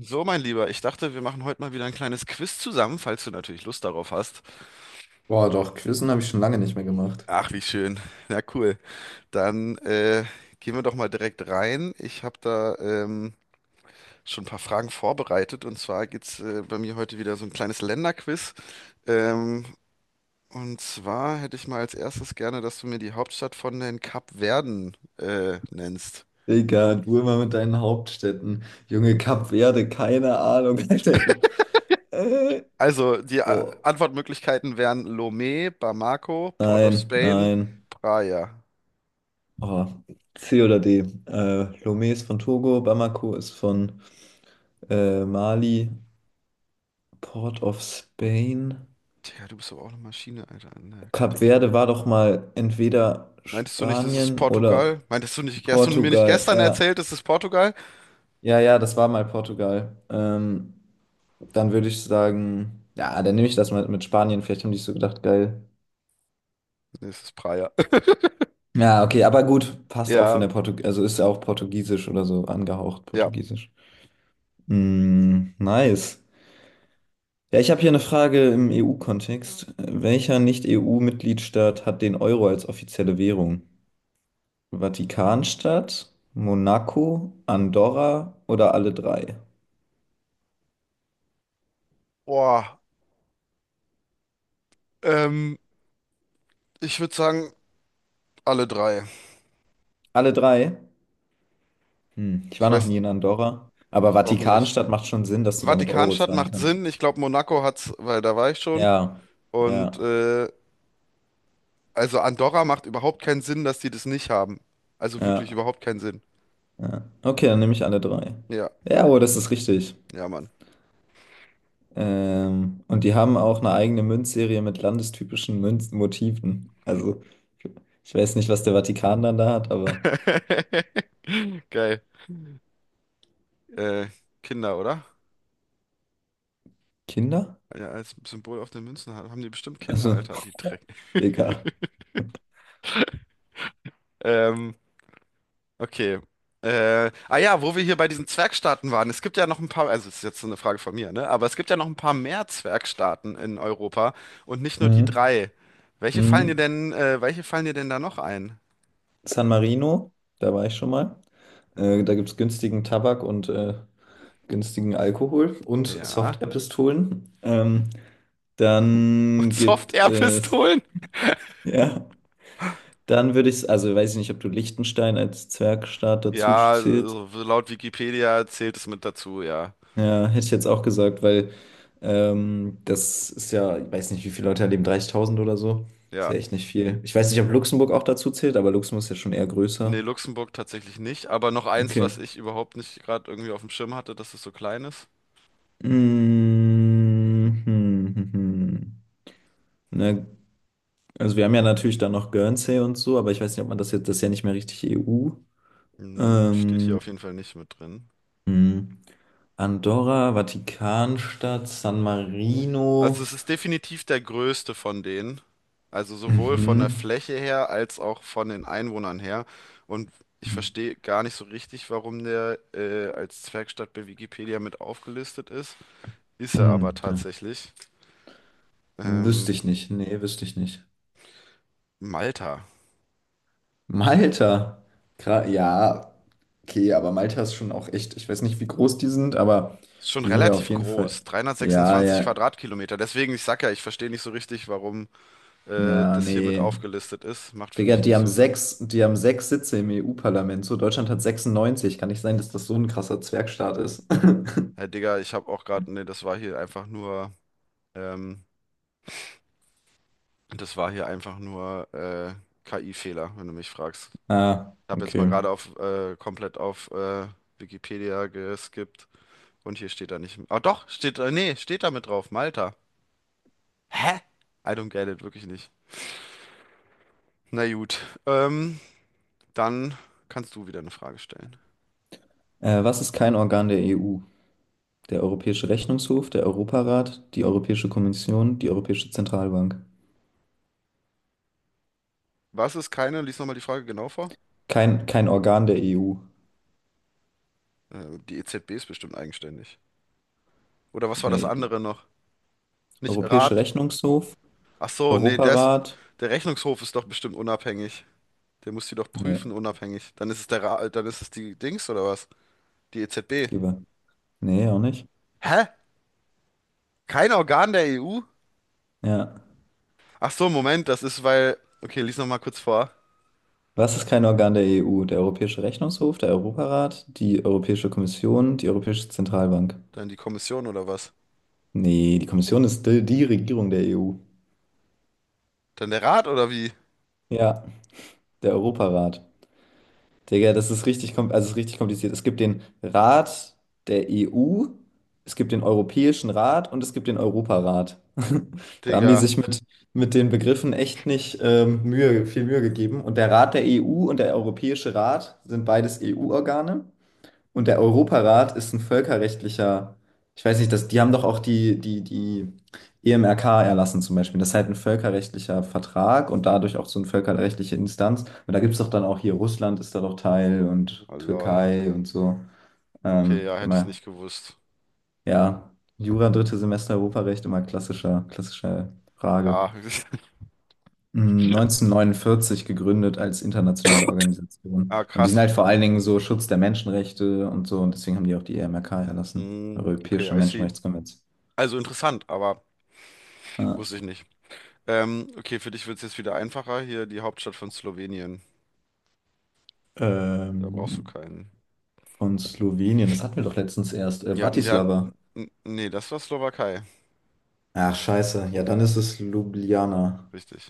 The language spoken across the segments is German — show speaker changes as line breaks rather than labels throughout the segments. So, mein Lieber, ich dachte, wir machen heute mal wieder ein kleines Quiz zusammen, falls du natürlich Lust darauf hast.
Boah, doch, Quizzen habe ich schon lange nicht mehr gemacht.
Ach, wie schön. Na cool. Dann gehen wir doch mal direkt rein. Ich habe da schon ein paar Fragen vorbereitet. Und zwar geht's bei mir heute wieder so ein kleines Länderquiz. Ähm, und zwar hätte ich mal als erstes gerne, dass du mir die Hauptstadt von den Kapverden nennst.
Digga, du immer mit deinen Hauptstädten. Junge, Kap Verde, keine Ahnung, Alter. Äh,
Also, die
Boah.
Antwortmöglichkeiten wären Lomé, Bamako, Port of
Nein,
Spain,
nein.
Praia.
Oh. C oder D. Lomé ist von Togo, Bamako ist von Mali, Port of Spain.
Digga, du bist aber auch eine Maschine, Alter, in der
Kap
Kategorie.
Verde war doch mal entweder
Meintest du nicht, das ist
Spanien oder
Portugal? Meintest du nicht, hast du mir nicht
Portugal.
gestern
Ja,
erzählt, das ist Portugal?
ja, das war mal Portugal. Dann würde ich sagen, ja, dann nehme ich das mal mit Spanien. Vielleicht haben die so gedacht, geil.
Nee, es ist Praia.
Ja, okay, aber gut, passt auch von der
Ja,
Portug, also ist ja auch Portugiesisch oder so angehaucht,
ja.
Portugiesisch. Mm, nice. Ja, ich habe hier eine Frage im EU-Kontext. Welcher Nicht-EU-Mitgliedstaat hat den Euro als offizielle Währung? Vatikanstadt, Monaco, Andorra oder alle drei?
Boah, ähm, Ich würde sagen, alle drei.
Alle drei? Hm, ich
Ich
war noch
weiß
nie in Andorra. Aber
auch nicht.
Vatikanstadt macht schon Sinn, dass du damit Euro
Vatikanstadt
zahlen
macht
kannst.
Sinn. Ich glaube, Monaco hat's, weil da war ich schon.
Ja,
Und,
ja,
äh, also Andorra macht überhaupt keinen Sinn, dass die das nicht haben. Also wirklich
ja,
überhaupt keinen Sinn.
ja. Okay, dann nehme ich alle drei.
Ja,
Ja, oh, das ist richtig.
ja, Mann.
Und die haben auch eine eigene Münzserie mit landestypischen Münzmotiven. Also, ich weiß nicht, was der Vatikan dann da hat, aber
Geil. Äh, Kinder, oder?
Kinder?
Ja, als Symbol auf den Münzen haben die bestimmt Kinder,
Also,
Alter, die Dreck.
egal.
Ähm, okay. Ah ja, wo wir hier bei diesen Zwergstaaten waren. Es gibt ja noch ein paar, also es ist jetzt so eine Frage von mir, ne? Aber es gibt ja noch ein paar mehr Zwergstaaten in Europa und nicht nur die
Mhm.
drei. Welche fallen dir
Mhm.
denn, welche fallen dir denn da noch ein?
San Marino, da war ich schon mal.
Ja.
Da gibt es günstigen Tabak und günstigen Alkohol und
Ja.
Soft-Air-Pistolen.
Und
Dann gibt es,
Soft-Air-Pistolen?
ja, dann würde ich, also weiß ich nicht, ob du Liechtenstein als Zwergstaat dazu
Ja,
zählst.
so laut Wikipedia zählt es mit dazu, ja.
Ja, hätte ich jetzt auch gesagt, weil das ist ja, ich weiß nicht, wie viele Leute da leben, 30.000 oder so. Ist
Ja.
ja echt nicht viel. Ich weiß nicht, ob Luxemburg auch dazu zählt, aber Luxemburg ist ja schon eher
Nee,
größer.
Luxemburg tatsächlich nicht, aber noch eins,
Okay.
was ich überhaupt nicht gerade irgendwie auf dem Schirm hatte, dass es so klein ist.
Mhm. Ne, also wir haben ja natürlich dann noch Guernsey und so, aber ich weiß nicht, ob man das jetzt, das ist ja nicht mehr richtig EU.
Hm, steht hier
Ähm,
auf jeden Fall nicht mit drin.
hm. Andorra, Vatikanstadt, San
Also
Marino.
es ist definitiv der größte von denen. Also sowohl von der
Mhm.
Fläche her als auch von den Einwohnern her. Und ich verstehe gar nicht so richtig, warum der als Zwergstadt bei Wikipedia mit aufgelistet ist. Ist er aber
Hm, ja.
tatsächlich. Ähm,
Wüsste ich nicht. Nee, wüsste ich nicht.
Malta.
Malta. Gra ja, okay, aber Malta ist schon auch echt, ich weiß nicht, wie groß die sind, aber
Ist schon
die sind ja auf
relativ
jeden Fall.
groß.
Ja,
326
ja.
Quadratkilometer. Deswegen, ich sag ja, ich verstehe nicht so richtig, warum
Ja,
das hier mit
nee.
aufgelistet ist. Macht für
Digga,
mich
die
nicht
haben
so Sinn.
sechs, die haben sechs Sitze im EU-Parlament. So, Deutschland hat 96. Kann nicht sein, dass das so ein krasser Zwergstaat ist.
Hey Digga, ich habe auch gerade, ne, das war hier einfach nur, ähm, das war hier einfach nur KI-Fehler, wenn du mich fragst.
Ah,
Ich habe jetzt mal
okay.
gerade auf komplett auf Wikipedia geskippt und hier steht da nicht. Ah doch, steht da, nee, steht da mit drauf, Malta. Hä? I don't get it, wirklich nicht. Na gut, ähm, dann kannst du wieder eine Frage stellen.
Was ist kein Organ der EU? Der Europäische Rechnungshof, der Europarat, die Europäische Kommission, die Europäische Zentralbank.
Was ist keine? Lies nochmal die Frage genau vor.
Kein Organ der EU.
Die EZB ist bestimmt eigenständig. Oder was war das
Nee.
andere noch? Nicht
Europäische
Rat?
Rechnungshof,
Ach so, nee, der ist,
Europarat.
der Rechnungshof ist doch bestimmt unabhängig. Der muss die doch
Nee,
prüfen, unabhängig. Dann ist es der Ra dann ist es die Dings oder was? Die EZB.
lieber. Nee, auch nicht.
Hä? Kein Organ der EU?
Ja.
Ach so, Moment, das ist weil. Okay, lies noch mal kurz vor.
Was ist kein Organ der EU? Der Europäische Rechnungshof, der Europarat, die Europäische Kommission, die Europäische Zentralbank.
Dann die Kommission oder was?
Nee, die Kommission ist die Regierung der EU.
Dann der Rat oder wie?
Ja, der Europarat. Digga, das ist richtig, also es ist richtig kompliziert. Es gibt den Rat der EU, es gibt den Europäischen Rat und es gibt den Europarat. Da haben die
Digga.
sich mit den Begriffen echt nicht Mühe, viel Mühe gegeben. Und der Rat der EU und der Europäische Rat sind beides EU-Organe. Und der Europarat ist ein völkerrechtlicher, ich weiß nicht, die haben doch auch die EMRK erlassen zum Beispiel. Das ist halt ein völkerrechtlicher Vertrag und dadurch auch so eine völkerrechtliche Instanz. Und da gibt es doch dann auch hier, Russland ist da doch Teil und
Oh lol.
Türkei und so.
Okay,
Ähm,
ja, hätte ich
immer,
nicht gewusst.
ja, Jura, drittes Semester Europarecht, immer klassischer Frage,
Ja.
mh, 1949 gegründet als internationale Organisation.
Ah,
Und die sind
krass.
halt vor allen Dingen so Schutz der Menschenrechte und so. Und deswegen haben die auch die EMRK erlassen,
Mm, okay,
Europäische
I see.
Menschenrechtskonvention.
Also interessant, aber
Ja,
wusste ich nicht. Okay, für dich wird es jetzt wieder einfacher. Hier die Hauptstadt von Slowenien. Da brauchst du
ähm,
keinen.
von Slowenien, das hatten wir doch letztens erst. Bratislava.
Nee, das war Slowakei.
Ach, scheiße. Ja, dann ist es Ljubljana.
Richtig.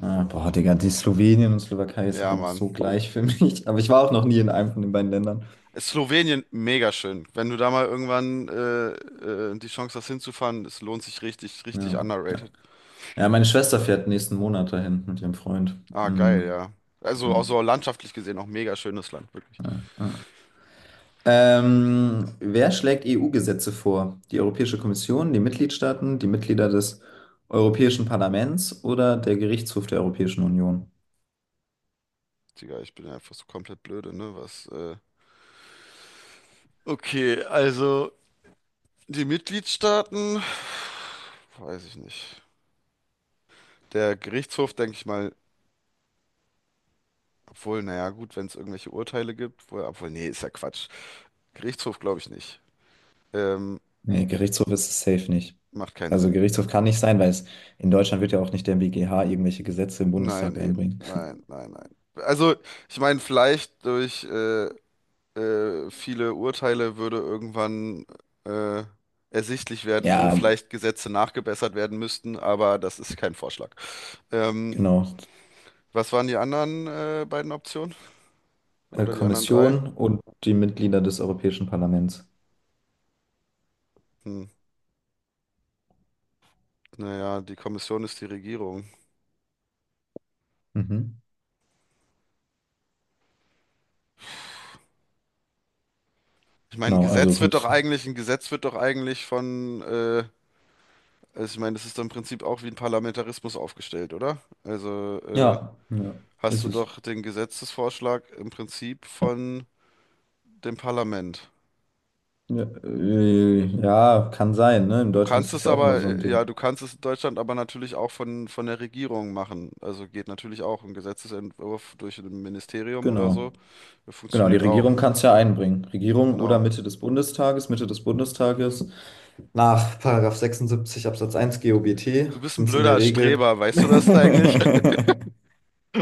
Ah, boah, Digga, die Slowenien und Slowakei ist doch
Ja,
einfach
Mann.
so gleich für mich. Aber ich war auch noch nie in einem von den beiden Ländern.
Ist Slowenien mega schön. Wenn du da mal irgendwann die Chance hast hinzufahren, es lohnt sich richtig, richtig
Ja,
underrated.
ja, meine Schwester fährt nächsten Monat dahin mit ihrem Freund.
Ah, geil,
Mm,
ja. Also auch
ja,
so landschaftlich gesehen auch mega schönes Land, wirklich.
ja. Wer schlägt EU-Gesetze vor? Die Europäische Kommission, die Mitgliedstaaten, die Mitglieder des Europäischen Parlaments oder der Gerichtshof der Europäischen Union?
Digga, ich bin ja einfach so komplett blöde, ne? Was, Okay, also die Mitgliedstaaten, weiß ich nicht. Der Gerichtshof, denke ich mal, obwohl, naja, gut, wenn es irgendwelche Urteile gibt, obwohl, obwohl, nee, ist ja Quatsch. Gerichtshof glaube ich nicht. Ähm,
Nee, Gerichtshof ist es safe nicht.
Macht keinen
Also
Sinn.
Gerichtshof kann nicht sein, weil es in Deutschland wird ja auch nicht der BGH irgendwelche Gesetze im
Nein,
Bundestag
eben.
einbringen.
Nein, nein, nein. Also, ich meine, vielleicht durch viele Urteile würde irgendwann äh, ersichtlich werden, wo
Ja,
vielleicht Gesetze nachgebessert werden müssten, aber das ist kein Vorschlag. Ähm,
genau.
Was waren die anderen beiden Optionen? Oder die anderen drei?
Kommission und die Mitglieder des Europäischen Parlaments.
Hm. Naja, die Kommission ist die Regierung.
Mhm.
Ich meine, ein
Genau, also
Gesetz wird doch
Kommission.
eigentlich, ein Gesetz wird doch eigentlich von. Also ich meine, das ist dann im Prinzip auch wie ein Parlamentarismus aufgestellt, oder? Also
Ja, ja,
hast
Ist
du
es.
doch den Gesetzesvorschlag im Prinzip von dem Parlament.
Ja, ja, kann sein, ne? In
Du
Deutschland ist
kannst
das
es
ja auch immer so ein
aber, ja,
Ding.
du kannst es in Deutschland aber natürlich auch von der Regierung machen. Also geht natürlich auch ein Gesetzesentwurf durch ein Ministerium oder so.
Genau. Genau, die
Funktioniert auch.
Regierung kann es ja einbringen. Regierung oder
Genau.
Mitte des Bundestages, Mitte des Bundestages. Nach Paragraph 76 Absatz 1 GOBT
Du bist ein
sind es in der
blöder
Regel,
Streber, weißt du das eigentlich?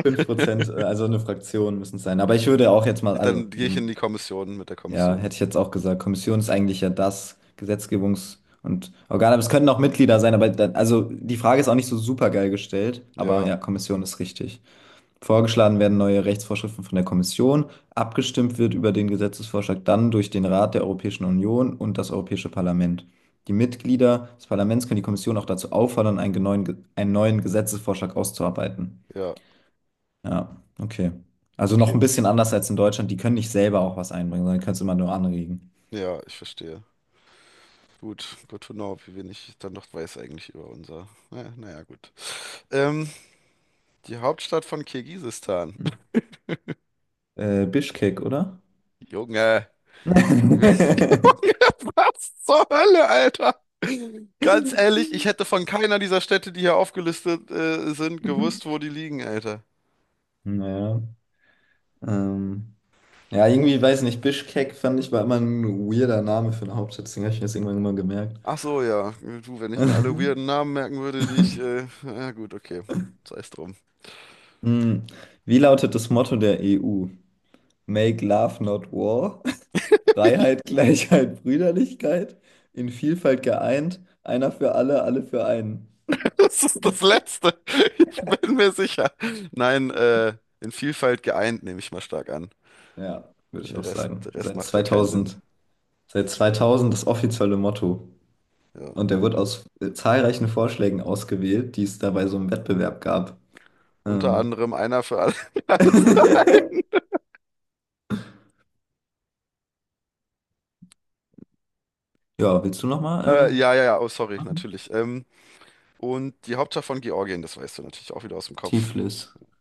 5%, also eine Fraktion müssen es sein. Aber ich würde auch jetzt mal,
Dann
also,
gehe ich
ne,
in die Kommission mit der
ja,
Kommission.
hätte ich jetzt auch gesagt, Kommission ist eigentlich ja das Gesetzgebungs- und Organ, aber es können auch Mitglieder sein, aber dann, also die Frage ist auch nicht so super geil gestellt, aber
Ja,
ja, Kommission ist richtig. Vorgeschlagen werden neue Rechtsvorschriften von der Kommission. Abgestimmt wird über den Gesetzesvorschlag dann durch den Rat der Europäischen Union und das Europäische Parlament. Die Mitglieder des Parlaments können die Kommission auch dazu auffordern, einen neuen Gesetzesvorschlag auszuarbeiten.
ja,
Ja, okay. Also noch
okay.
ein bisschen anders als in Deutschland. Die können nicht selber auch was einbringen, sondern können es immer nur anregen.
Ja, ich verstehe. Gut, good to know, wie wenig ich dann noch weiß eigentlich über unser. Naja, naja, gut. Ähm, Die Hauptstadt von Kirgisistan.
Hm. Bischkek, oder?
Junge, du, Junge, was zur Hölle, Alter? Ganz ehrlich, ich hätte von keiner dieser Städte, die hier aufgelistet sind, gewusst, wo die liegen, Alter.
Naja. Ähm. Ja, irgendwie, weiß nicht, Bischkek fand ich war immer ein weirder Name für eine Hauptstadt, deswegen habe ich mir das irgendwann immer gemerkt.
Ach so, ja. Du, wenn ich mir alle weirden Namen merken würde, die ich. Ja, gut, okay. Sei es drum.
Hm, Wie lautet das Motto der EU? Make Love Not War. Freiheit, Gleichheit, Brüderlichkeit. In Vielfalt geeint. Einer für alle, alle für einen.
Das ist das Letzte. Ich bin mir sicher. Nein, in Vielfalt geeint, nehme ich mal stark an.
Ja, würde ich auch sagen.
Der Rest
Seit
macht ja keinen Sinn.
2000, Seit 2000 das offizielle Motto.
Ja.
Und der wird aus zahlreichen Vorschlägen ausgewählt, die es dabei so im Wettbewerb gab.
Unter
Ähm.
anderem einer für alle. Alles klar.
Ja, willst du nochmal
Ja, ja, ja, oh, sorry,
machen?
natürlich. Und die Hauptstadt von Georgien, das weißt du natürlich auch wieder aus dem Kopf.
Tiflis.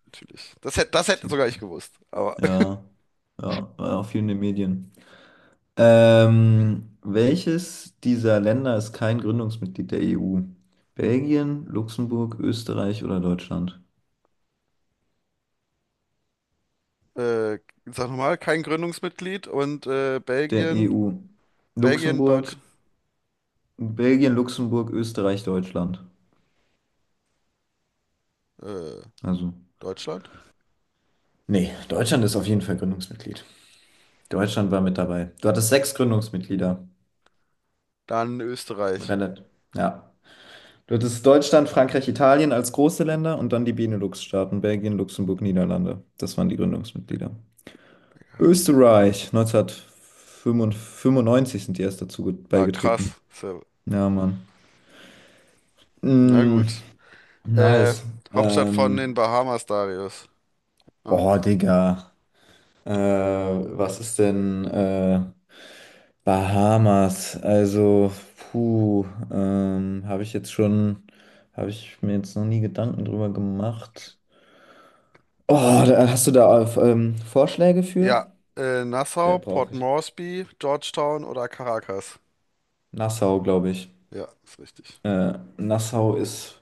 Natürlich. Das hätte sogar ich
Tiflis.
gewusst. Aber
Ja, ja, war auch viel in den Medien. Welches dieser Länder ist kein Gründungsmitglied der EU? Belgien, Luxemburg, Österreich oder Deutschland?
äh, sag nochmal, kein Gründungsmitglied und
Der
Belgien,
EU.
Belgien,
Luxemburg, Belgien, Luxemburg, Österreich, Deutschland.
äh,
Also.
Deutschland,
Nee, Deutschland ist auf jeden Fall Gründungsmitglied. Deutschland war mit dabei. Du hattest sechs Gründungsmitglieder.
dann Österreich.
Relativ. Ja. Du hattest Deutschland, Frankreich, Italien als große Länder und dann die Benelux-Staaten, Belgien, Luxemburg, Niederlande. Das waren die Gründungsmitglieder. Österreich, 1995 sind die erst dazu
Ah,
beigetreten.
krass. So,
Ja, Mann.
na
Mm,
gut. Äh,
nice.
Hauptstadt von den
Ähm,
Bahamas, Darius. Ah.
boah, Digga. Was ist denn Bahamas? Also, puh, ähm, habe ich jetzt schon, habe ich mir jetzt noch nie Gedanken drüber gemacht. Oh, da, hast du da Vorschläge für?
Ja,
Der
Nassau,
brauche
Port
ich.
Moresby, Georgetown oder Caracas.
Nassau, glaube ich.
Ja, ist richtig.
Nassau ist.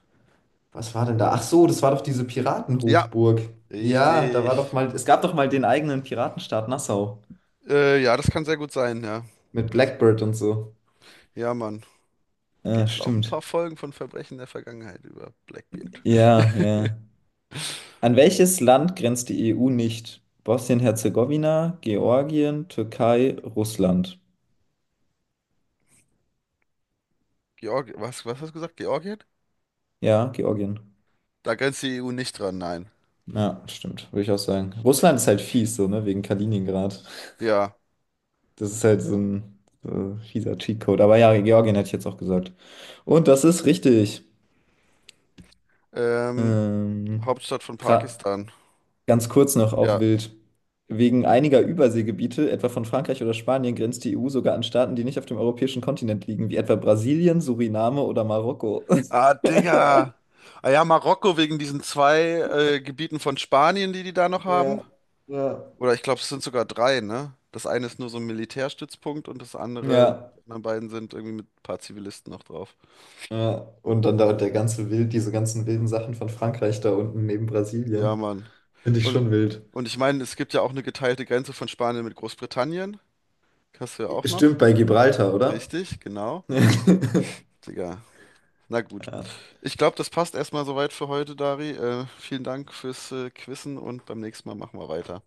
Was war denn da? Ach so, das war doch diese
Ja,
Piratenhochburg. Ja, da
richtig.
war doch mal. Es gab doch mal den eigenen Piratenstaat Nassau.
Ja, das kann sehr gut sein, ja.
Mit
Das,
Blackbird und so.
ja, Mann.
Ja,
Gibt's auch ein
stimmt.
paar Folgen von Verbrechen der Vergangenheit über Blackbeard.
Ja, ja. An welches Land grenzt die EU nicht? Bosnien-Herzegowina, Georgien, Türkei, Russland.
Georg, was, was hast du gesagt? Georgien?
Ja, Georgien.
Da grenzt die EU nicht dran, nein.
Ja, stimmt, würde ich auch sagen. Russland ist halt fies, so, ne, wegen Kaliningrad.
Ja.
Das ist halt so ein fieser Cheatcode. Aber ja, Georgien hätte ich jetzt auch gesagt. Und das ist richtig.
Ähm,
Ähm,
Hauptstadt von
gra-
Pakistan.
ganz kurz noch, auch
Ja.
wild. Wegen einiger Überseegebiete, etwa von Frankreich oder Spanien, grenzt die EU sogar an Staaten, die nicht auf dem europäischen Kontinent liegen, wie etwa Brasilien, Suriname oder Marokko.
Ah, Digga. Ah ja, Marokko wegen diesen zwei Gebieten von Spanien, die die da noch haben.
Ja, ja.
Oder ich glaube, es sind sogar drei, ne? Das eine ist nur so ein Militärstützpunkt und das andere,
Ja,
die anderen beiden sind irgendwie mit ein paar Zivilisten noch drauf.
ja. Und dann da der ganze Wild, diese ganzen wilden Sachen von Frankreich da unten neben
Ja,
Brasilien.
Mann.
Finde ich
Und,
schon wild.
und ich meine, es gibt ja auch eine geteilte Grenze von Spanien mit Großbritannien. Hast du ja auch noch.
Stimmt bei Gibraltar, oder?
Richtig, genau. Digga. Na gut.
Ja.
Ich glaube, das passt erstmal soweit für heute, Dari. Vielen Dank fürs Quizzen und beim nächsten Mal machen wir weiter.